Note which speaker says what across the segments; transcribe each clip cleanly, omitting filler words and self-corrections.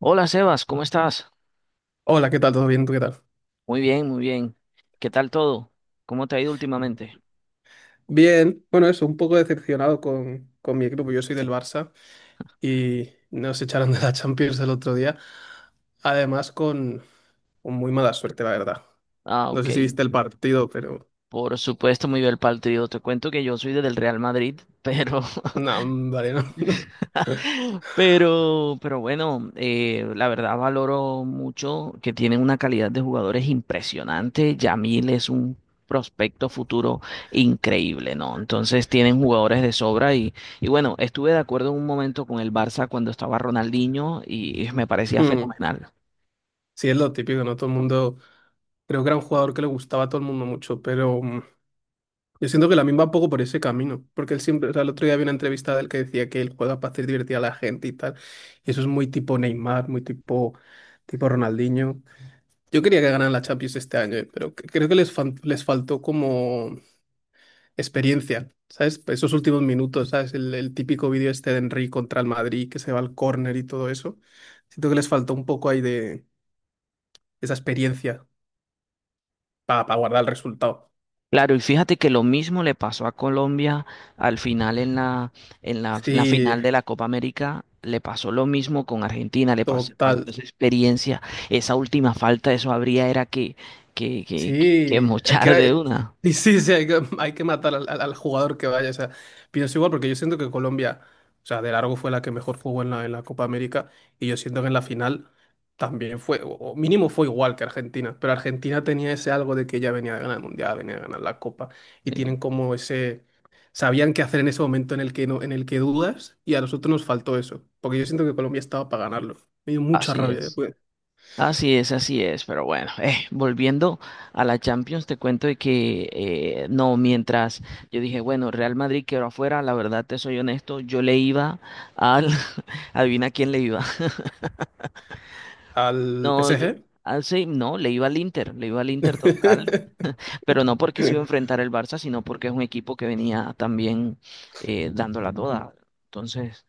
Speaker 1: Hola Sebas, ¿cómo estás?
Speaker 2: Hola, ¿qué tal? ¿Todo bien? ¿Tú qué tal?
Speaker 1: Muy bien, muy bien. ¿Qué tal todo? ¿Cómo te ha ido últimamente?
Speaker 2: Bien, bueno, eso, un poco decepcionado con mi equipo. Yo soy del Barça y nos echaron de la Champions el otro día. Además, con muy mala suerte, la verdad.
Speaker 1: Ah,
Speaker 2: No
Speaker 1: ok.
Speaker 2: sé si viste el partido, pero
Speaker 1: Por supuesto, muy bien el partido. Te cuento que yo soy del Real Madrid, pero,
Speaker 2: no, vale, no.
Speaker 1: pero bueno, la verdad valoro mucho que tienen una calidad de jugadores impresionante. Yamil es un prospecto futuro increíble, ¿no? Entonces tienen jugadores de sobra y bueno, estuve de acuerdo en un momento con el Barça cuando estaba Ronaldinho y me parecía
Speaker 2: Mm,
Speaker 1: fenomenal.
Speaker 2: Sí, es lo típico, ¿no? Todo el mundo. Creo que era un jugador que le gustaba a todo el mundo mucho, pero yo siento que la misma va un poco por ese camino, porque él siempre, o sea, el otro día había una entrevista del que decía que él juega para hacer divertir a la gente y tal, y eso es muy tipo Neymar, tipo Ronaldinho. Yo quería que ganaran la Champions este año, pero creo que les, les faltó como experiencia, ¿sabes? Pues esos últimos minutos, ¿sabes? El típico vídeo este de Henry contra el Madrid, que se va al córner y todo eso. Siento que les faltó un poco ahí de esa experiencia para guardar el resultado.
Speaker 1: Claro, y fíjate que lo mismo le pasó a Colombia al final en la
Speaker 2: Sí,
Speaker 1: final de la Copa América, le pasó lo mismo con Argentina, le pasó, faltó
Speaker 2: total.
Speaker 1: esa experiencia, esa última falta, eso habría era que, que, que
Speaker 2: Sí, hay que,
Speaker 1: mochar de una.
Speaker 2: y sí, sí, hay que matar al, al jugador que vaya. O sea, pienso igual porque yo siento que Colombia, o sea, de largo fue la que mejor jugó en la Copa América y yo siento que en la final también fue, o mínimo fue igual que Argentina, pero Argentina tenía ese algo de que ya venía de ganar el Mundial, venía de ganar la Copa y
Speaker 1: Sí,
Speaker 2: tienen como ese, sabían qué hacer en ese momento en el que, no, en el que dudas, y a nosotros nos faltó eso, porque yo siento que Colombia estaba para ganarlo. Me dio mucha
Speaker 1: así
Speaker 2: rabia
Speaker 1: es.
Speaker 2: después.
Speaker 1: Así es, así es, pero bueno, volviendo a la Champions, te cuento de que no, mientras yo dije, bueno, Real Madrid quedó afuera, la verdad te soy honesto, yo le iba al, adivina quién le iba.
Speaker 2: Al
Speaker 1: No,
Speaker 2: PSG.
Speaker 1: yo, ah, sí, no, le iba al Inter, le iba al Inter total, pero no porque se iba a enfrentar el Barça, sino porque es un equipo que venía también dándola toda. Entonces,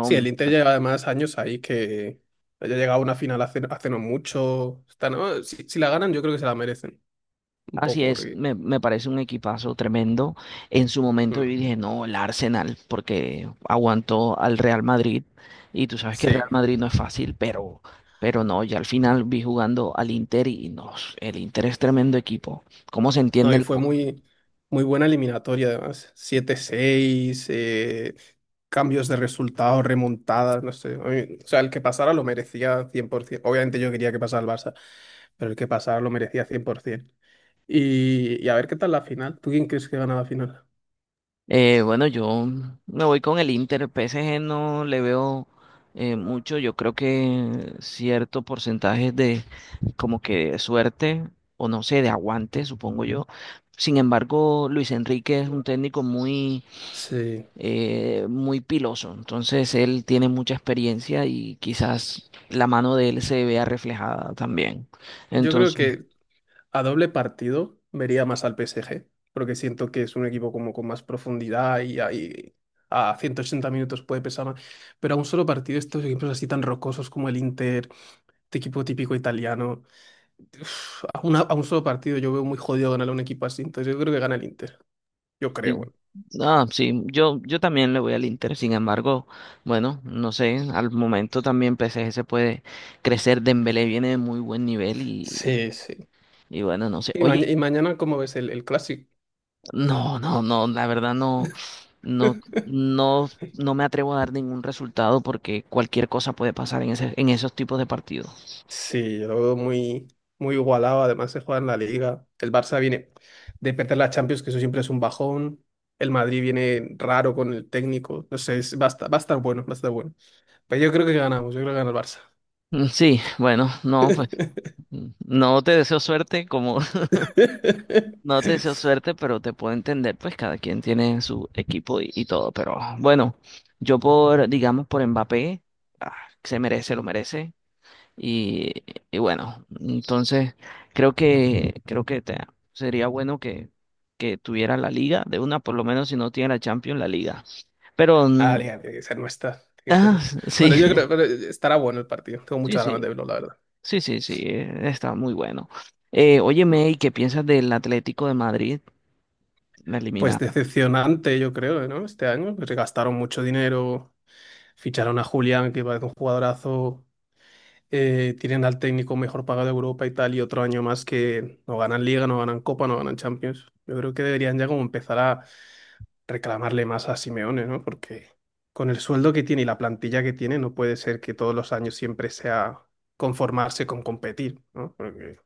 Speaker 2: Sí, el Inter lleva además años ahí que haya llegado a una final hace, hace no mucho. Está- no, si, si la ganan, yo creo que se la merecen. Un
Speaker 1: así
Speaker 2: poco,
Speaker 1: es,
Speaker 2: porque…
Speaker 1: me parece un equipazo tremendo. En su momento
Speaker 2: mm,
Speaker 1: yo dije, no, el Arsenal, porque aguantó al Real Madrid, y tú sabes que el
Speaker 2: sí.
Speaker 1: Real Madrid no es fácil, pero no, ya al final vi jugando al Inter y no, el Inter es tremendo equipo. ¿Cómo se
Speaker 2: No,
Speaker 1: entiende
Speaker 2: y
Speaker 1: el
Speaker 2: fue muy buena eliminatoria, además. 7-6, cambios de resultados, remontadas, no sé. A mí- o sea, el que pasara lo merecía 100%. Obviamente yo quería que pasara el Barça, pero el que pasara lo merecía 100%. Y a ver qué tal la final. ¿Tú quién crees que gana la final?
Speaker 1: Bueno, yo me voy con el Inter. PSG no le veo mucho. Yo creo que cierto porcentaje de como que suerte o no sé, de aguante, supongo yo. Sin embargo, Luis Enrique es un técnico muy,
Speaker 2: Sí.
Speaker 1: muy piloso. Entonces, él tiene mucha experiencia y quizás la mano de él se vea reflejada también.
Speaker 2: Yo creo
Speaker 1: Entonces,
Speaker 2: que a doble partido vería más al PSG, porque siento que es un equipo como con más profundidad y ahí a 180 minutos puede pesar más. Pero a un solo partido, estos equipos así tan rocosos como el Inter, este equipo típico italiano, a, a un solo partido yo veo muy jodido ganar a un equipo así, entonces yo creo que gana el Inter. Yo creo,
Speaker 1: sí.
Speaker 2: bueno.
Speaker 1: Ah, sí, yo también le voy al Inter, sin embargo, bueno, no sé, al momento también PSG se puede crecer, Dembélé viene de muy buen nivel
Speaker 2: Sí, sí.
Speaker 1: y bueno, no sé.
Speaker 2: Y,
Speaker 1: Oye,
Speaker 2: y mañana, ¿cómo ves el clásico?
Speaker 1: no, no, no, la verdad no, no, no, no me atrevo a dar ningún resultado porque cualquier cosa puede pasar en ese, en esos tipos de partidos.
Speaker 2: Sí, yo lo veo muy igualado. Además, se juega en la Liga. El Barça viene de perder la Champions, que eso siempre es un bajón. El Madrid viene raro con el técnico. No sé, va a estar bueno, va a estar bueno. Pero yo creo que ganamos, yo creo que gana el Barça.
Speaker 1: Sí, bueno, no, pues no te deseo suerte como No te deseo suerte, pero te puedo entender, pues cada quien tiene su equipo y todo, pero bueno, yo por, digamos, por Mbappé, ah, se merece, lo merece, y, y bueno, entonces creo que te- sería bueno que tuviera la liga, de una por lo menos si no tiene la Champions, la liga, pero,
Speaker 2: Ah, liga, tiene que ser nuestra. Tiene que ser
Speaker 1: ah,
Speaker 2: nuestra.
Speaker 1: sí,
Speaker 2: Bueno, yo creo que estará bueno el partido. Tengo
Speaker 1: sí,
Speaker 2: muchas ganas de verlo, la verdad.
Speaker 1: sí, está muy bueno.
Speaker 2: Mm.
Speaker 1: Óyeme, ¿y qué piensas del Atlético de Madrid?
Speaker 2: Pues
Speaker 1: La
Speaker 2: decepcionante, yo creo, ¿no? Este año, porque gastaron mucho dinero, ficharon a Julián, que parece un jugadorazo, tienen al técnico mejor pagado de Europa y tal, y otro año más que no ganan Liga, no ganan Copa, no ganan Champions. Yo creo que deberían ya como empezar a reclamarle más a Simeone, ¿no? Porque con el sueldo que tiene y la plantilla que tiene, no puede ser que todos los años siempre sea conformarse con competir, ¿no? Porque,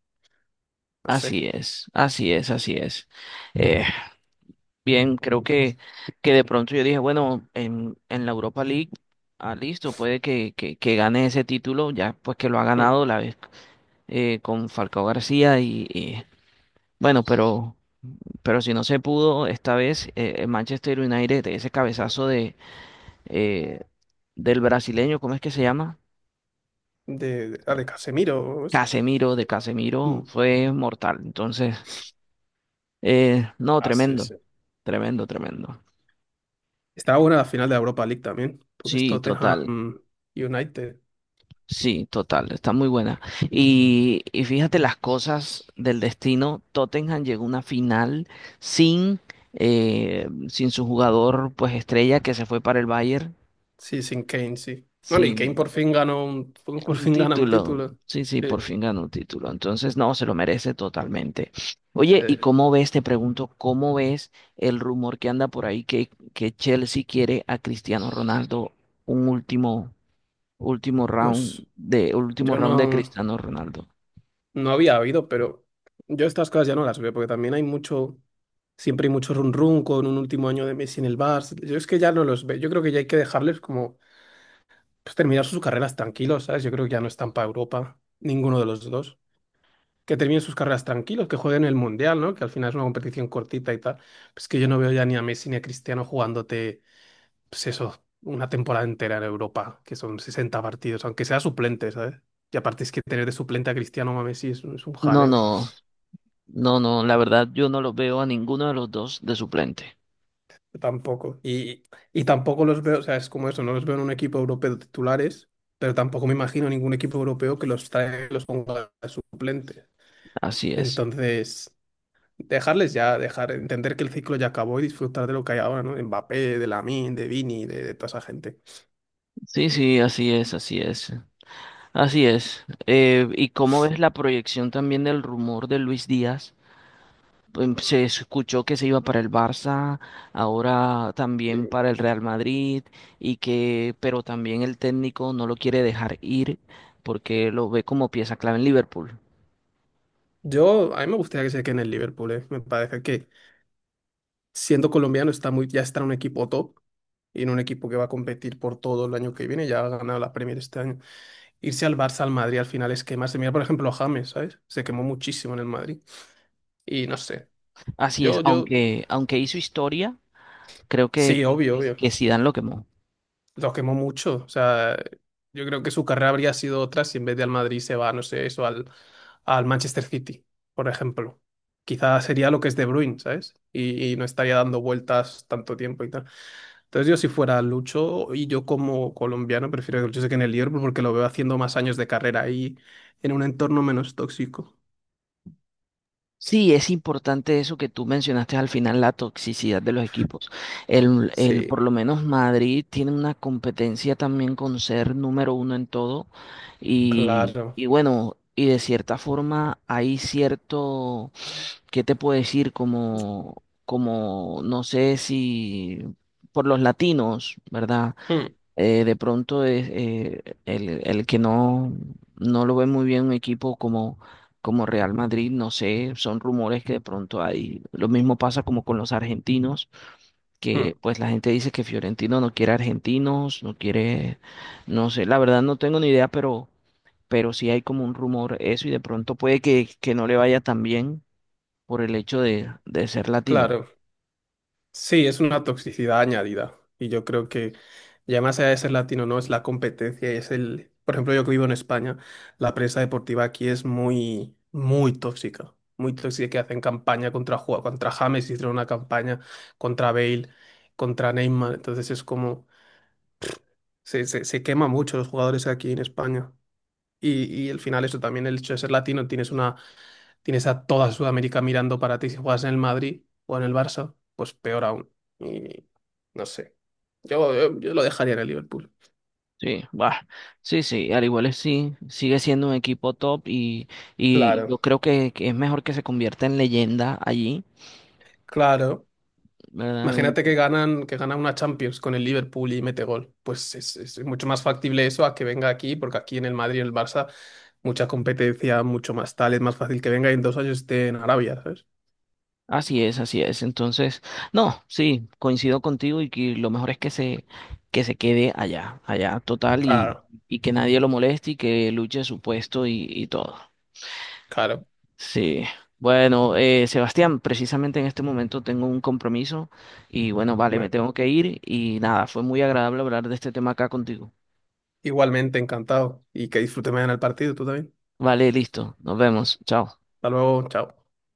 Speaker 2: no sé,
Speaker 1: Así es, así es, así es. Eh, bien, que de pronto yo dije, bueno, en la Europa League, ah, listo, puede que gane ese título, ya pues que lo ha
Speaker 2: mm,
Speaker 1: ganado la vez con Falcao García y bueno, pero si no se pudo esta vez, el Manchester United, ese cabezazo de, eh, del brasileño, ¿cómo es que se llama?
Speaker 2: de Casemiro o esto.
Speaker 1: Casemiro, de Casemiro,
Speaker 2: Mm.
Speaker 1: fue mortal. Entonces, no,
Speaker 2: Ah, sí,
Speaker 1: tremendo,
Speaker 2: sí.
Speaker 1: tremendo.
Speaker 2: Estaba buena la final de la Europa League también, porque es
Speaker 1: Sí, total.
Speaker 2: Tottenham United.
Speaker 1: Sí, total, está muy buena. Y fíjate las cosas del destino. Tottenham llegó a una final sin, sin su jugador pues estrella que se fue para el Bayern,
Speaker 2: Sí, sin Kane, sí. Bueno, y
Speaker 1: sin
Speaker 2: Kane por fin ganó un, por
Speaker 1: un
Speaker 2: fin gana un
Speaker 1: título.
Speaker 2: título.
Speaker 1: Sí, sí, por
Speaker 2: Sí,
Speaker 1: fin ganó un título. Entonces, no, se lo merece totalmente. Oye, ¿y
Speaker 2: sí.
Speaker 1: cómo ves, te pregunto, cómo ves el rumor que anda por ahí que Chelsea quiere a Cristiano Ronaldo un último,
Speaker 2: Pues
Speaker 1: último
Speaker 2: yo
Speaker 1: round de
Speaker 2: no,
Speaker 1: Cristiano Ronaldo?
Speaker 2: no había habido, pero yo estas cosas ya no las veo, porque también hay mucho, siempre hay mucho run run con un último año de Messi en el Barça. Yo es que ya no los veo. Yo creo que ya hay que dejarles como pues, terminar sus carreras tranquilos, ¿sabes? Yo creo que ya no están para Europa, ninguno de los dos. Que terminen sus carreras tranquilos, que jueguen el Mundial, ¿no? Que al final es una competición cortita y tal. Pues que yo no veo ya ni a Messi ni a Cristiano jugándote. Pues eso, una temporada entera en Europa, que son 60 partidos, aunque sea suplente, ¿sabes? Y aparte es que tener de suplente a Cristiano Messi es, es un
Speaker 1: No,
Speaker 2: jaleo.
Speaker 1: no, no, la verdad yo no los veo a ninguno de los dos de suplente.
Speaker 2: Tampoco. Y tampoco los veo, o sea, es como eso, no los veo en un equipo europeo titulares, pero tampoco me imagino ningún equipo europeo que los trae, los ponga de suplente.
Speaker 1: Así es.
Speaker 2: Entonces, dejarles ya, dejar, entender que el ciclo ya acabó y disfrutar de lo que hay ahora, ¿no? De Mbappé, de Lamine, de Vini, de toda esa gente.
Speaker 1: Sí, sí, así es, así es. Así es. ¿Y cómo ves la proyección también del rumor de Luis Díaz? Pues, se escuchó que se iba para el Barça, ahora también
Speaker 2: Sí.
Speaker 1: para el Real Madrid, y que, pero también el técnico no lo quiere dejar ir porque lo ve como pieza clave en Liverpool.
Speaker 2: Yo, a mí me gustaría que se quede en el Liverpool, ¿eh? Me parece que siendo colombiano, está muy, ya está en un equipo top y en un equipo que va a competir por todo el año que viene. Ya ha ganado la Premier este año. Irse al Barça, al Madrid, al final es quemarse. Mira, por ejemplo, a James, ¿sabes? Se quemó muchísimo en el Madrid. Y no sé.
Speaker 1: Así es,
Speaker 2: Yo, yo,
Speaker 1: aunque, aunque hizo historia, creo que,
Speaker 2: sí, obvio, obvio.
Speaker 1: que Zidane lo quemó.
Speaker 2: Lo quemó mucho. O sea, yo creo que su carrera habría sido otra si en vez de al Madrid se va, no sé, eso, al, al Manchester City, por ejemplo. Quizás sería lo que es De Bruyne, ¿sabes? Y no estaría dando vueltas tanto tiempo y tal. Entonces yo si fuera Lucho y yo como colombiano prefiero que Lucho se quede en el Liverpool porque lo veo haciendo más años de carrera ahí en un entorno menos tóxico.
Speaker 1: Sí, es importante eso que tú mencionaste al final, la toxicidad de los equipos. El,
Speaker 2: Sí,
Speaker 1: por lo menos Madrid tiene una competencia también con ser número uno en todo
Speaker 2: claro.
Speaker 1: y bueno, y de cierta forma hay cierto, ¿qué te puedo decir? Como, como, no sé si por los latinos, ¿verdad?
Speaker 2: Mm,
Speaker 1: Eh, de pronto es el que no, no lo ve muy bien un equipo como, como Real Madrid, no sé, son rumores que de pronto hay. Lo mismo pasa como con los argentinos, que
Speaker 2: mm,
Speaker 1: pues la gente dice que Fiorentino no quiere argentinos, no quiere, no sé, la verdad no tengo ni idea, pero sí hay como un rumor eso y de pronto puede que no le vaya tan bien por el hecho de ser latino.
Speaker 2: claro. Sí, es una toxicidad añadida. Y yo creo que ya más allá de ser latino, no, es la competencia, es el… Por ejemplo, yo que vivo en España, la prensa deportiva aquí es muy tóxica. Muy tóxica que hacen campaña contra, contra James, hicieron una campaña contra Bale, contra Neymar. Entonces es como… se quema mucho los jugadores aquí en España. Y al final eso también, el hecho de ser latino, tienes una, tienes a toda Sudamérica mirando para ti. Si juegas en el Madrid o en el Barça, pues peor aún. Y no sé. Yo lo dejaría en el Liverpool.
Speaker 1: Sí, bah, sí, sí, al igual es sí, sigue siendo un equipo top y yo
Speaker 2: Claro,
Speaker 1: creo que es mejor que se convierta en leyenda allí,
Speaker 2: claro.
Speaker 1: ¿verdad? Un
Speaker 2: Imagínate
Speaker 1: equi-
Speaker 2: que ganan, que gana una Champions con el Liverpool y mete gol. Pues es mucho más factible eso a que venga aquí, porque aquí en el Madrid y en el Barça, mucha competencia, mucho más tal, es más fácil que venga y en 2 años esté en Arabia, ¿sabes?
Speaker 1: Así es, así es. Entonces, no, sí, coincido contigo y que lo mejor es que se quede allá, allá total
Speaker 2: Claro,
Speaker 1: y que nadie lo moleste y que luche su puesto y todo.
Speaker 2: claro.
Speaker 1: Sí. Bueno, Sebastián, precisamente en este momento tengo un compromiso y bueno, vale, me tengo que ir y nada, fue muy agradable hablar de este tema acá contigo.
Speaker 2: Igualmente, encantado. Y que disfrutes mañana el partido, tú también.
Speaker 1: Vale, listo. Nos vemos. Chao.
Speaker 2: Hasta luego, chao.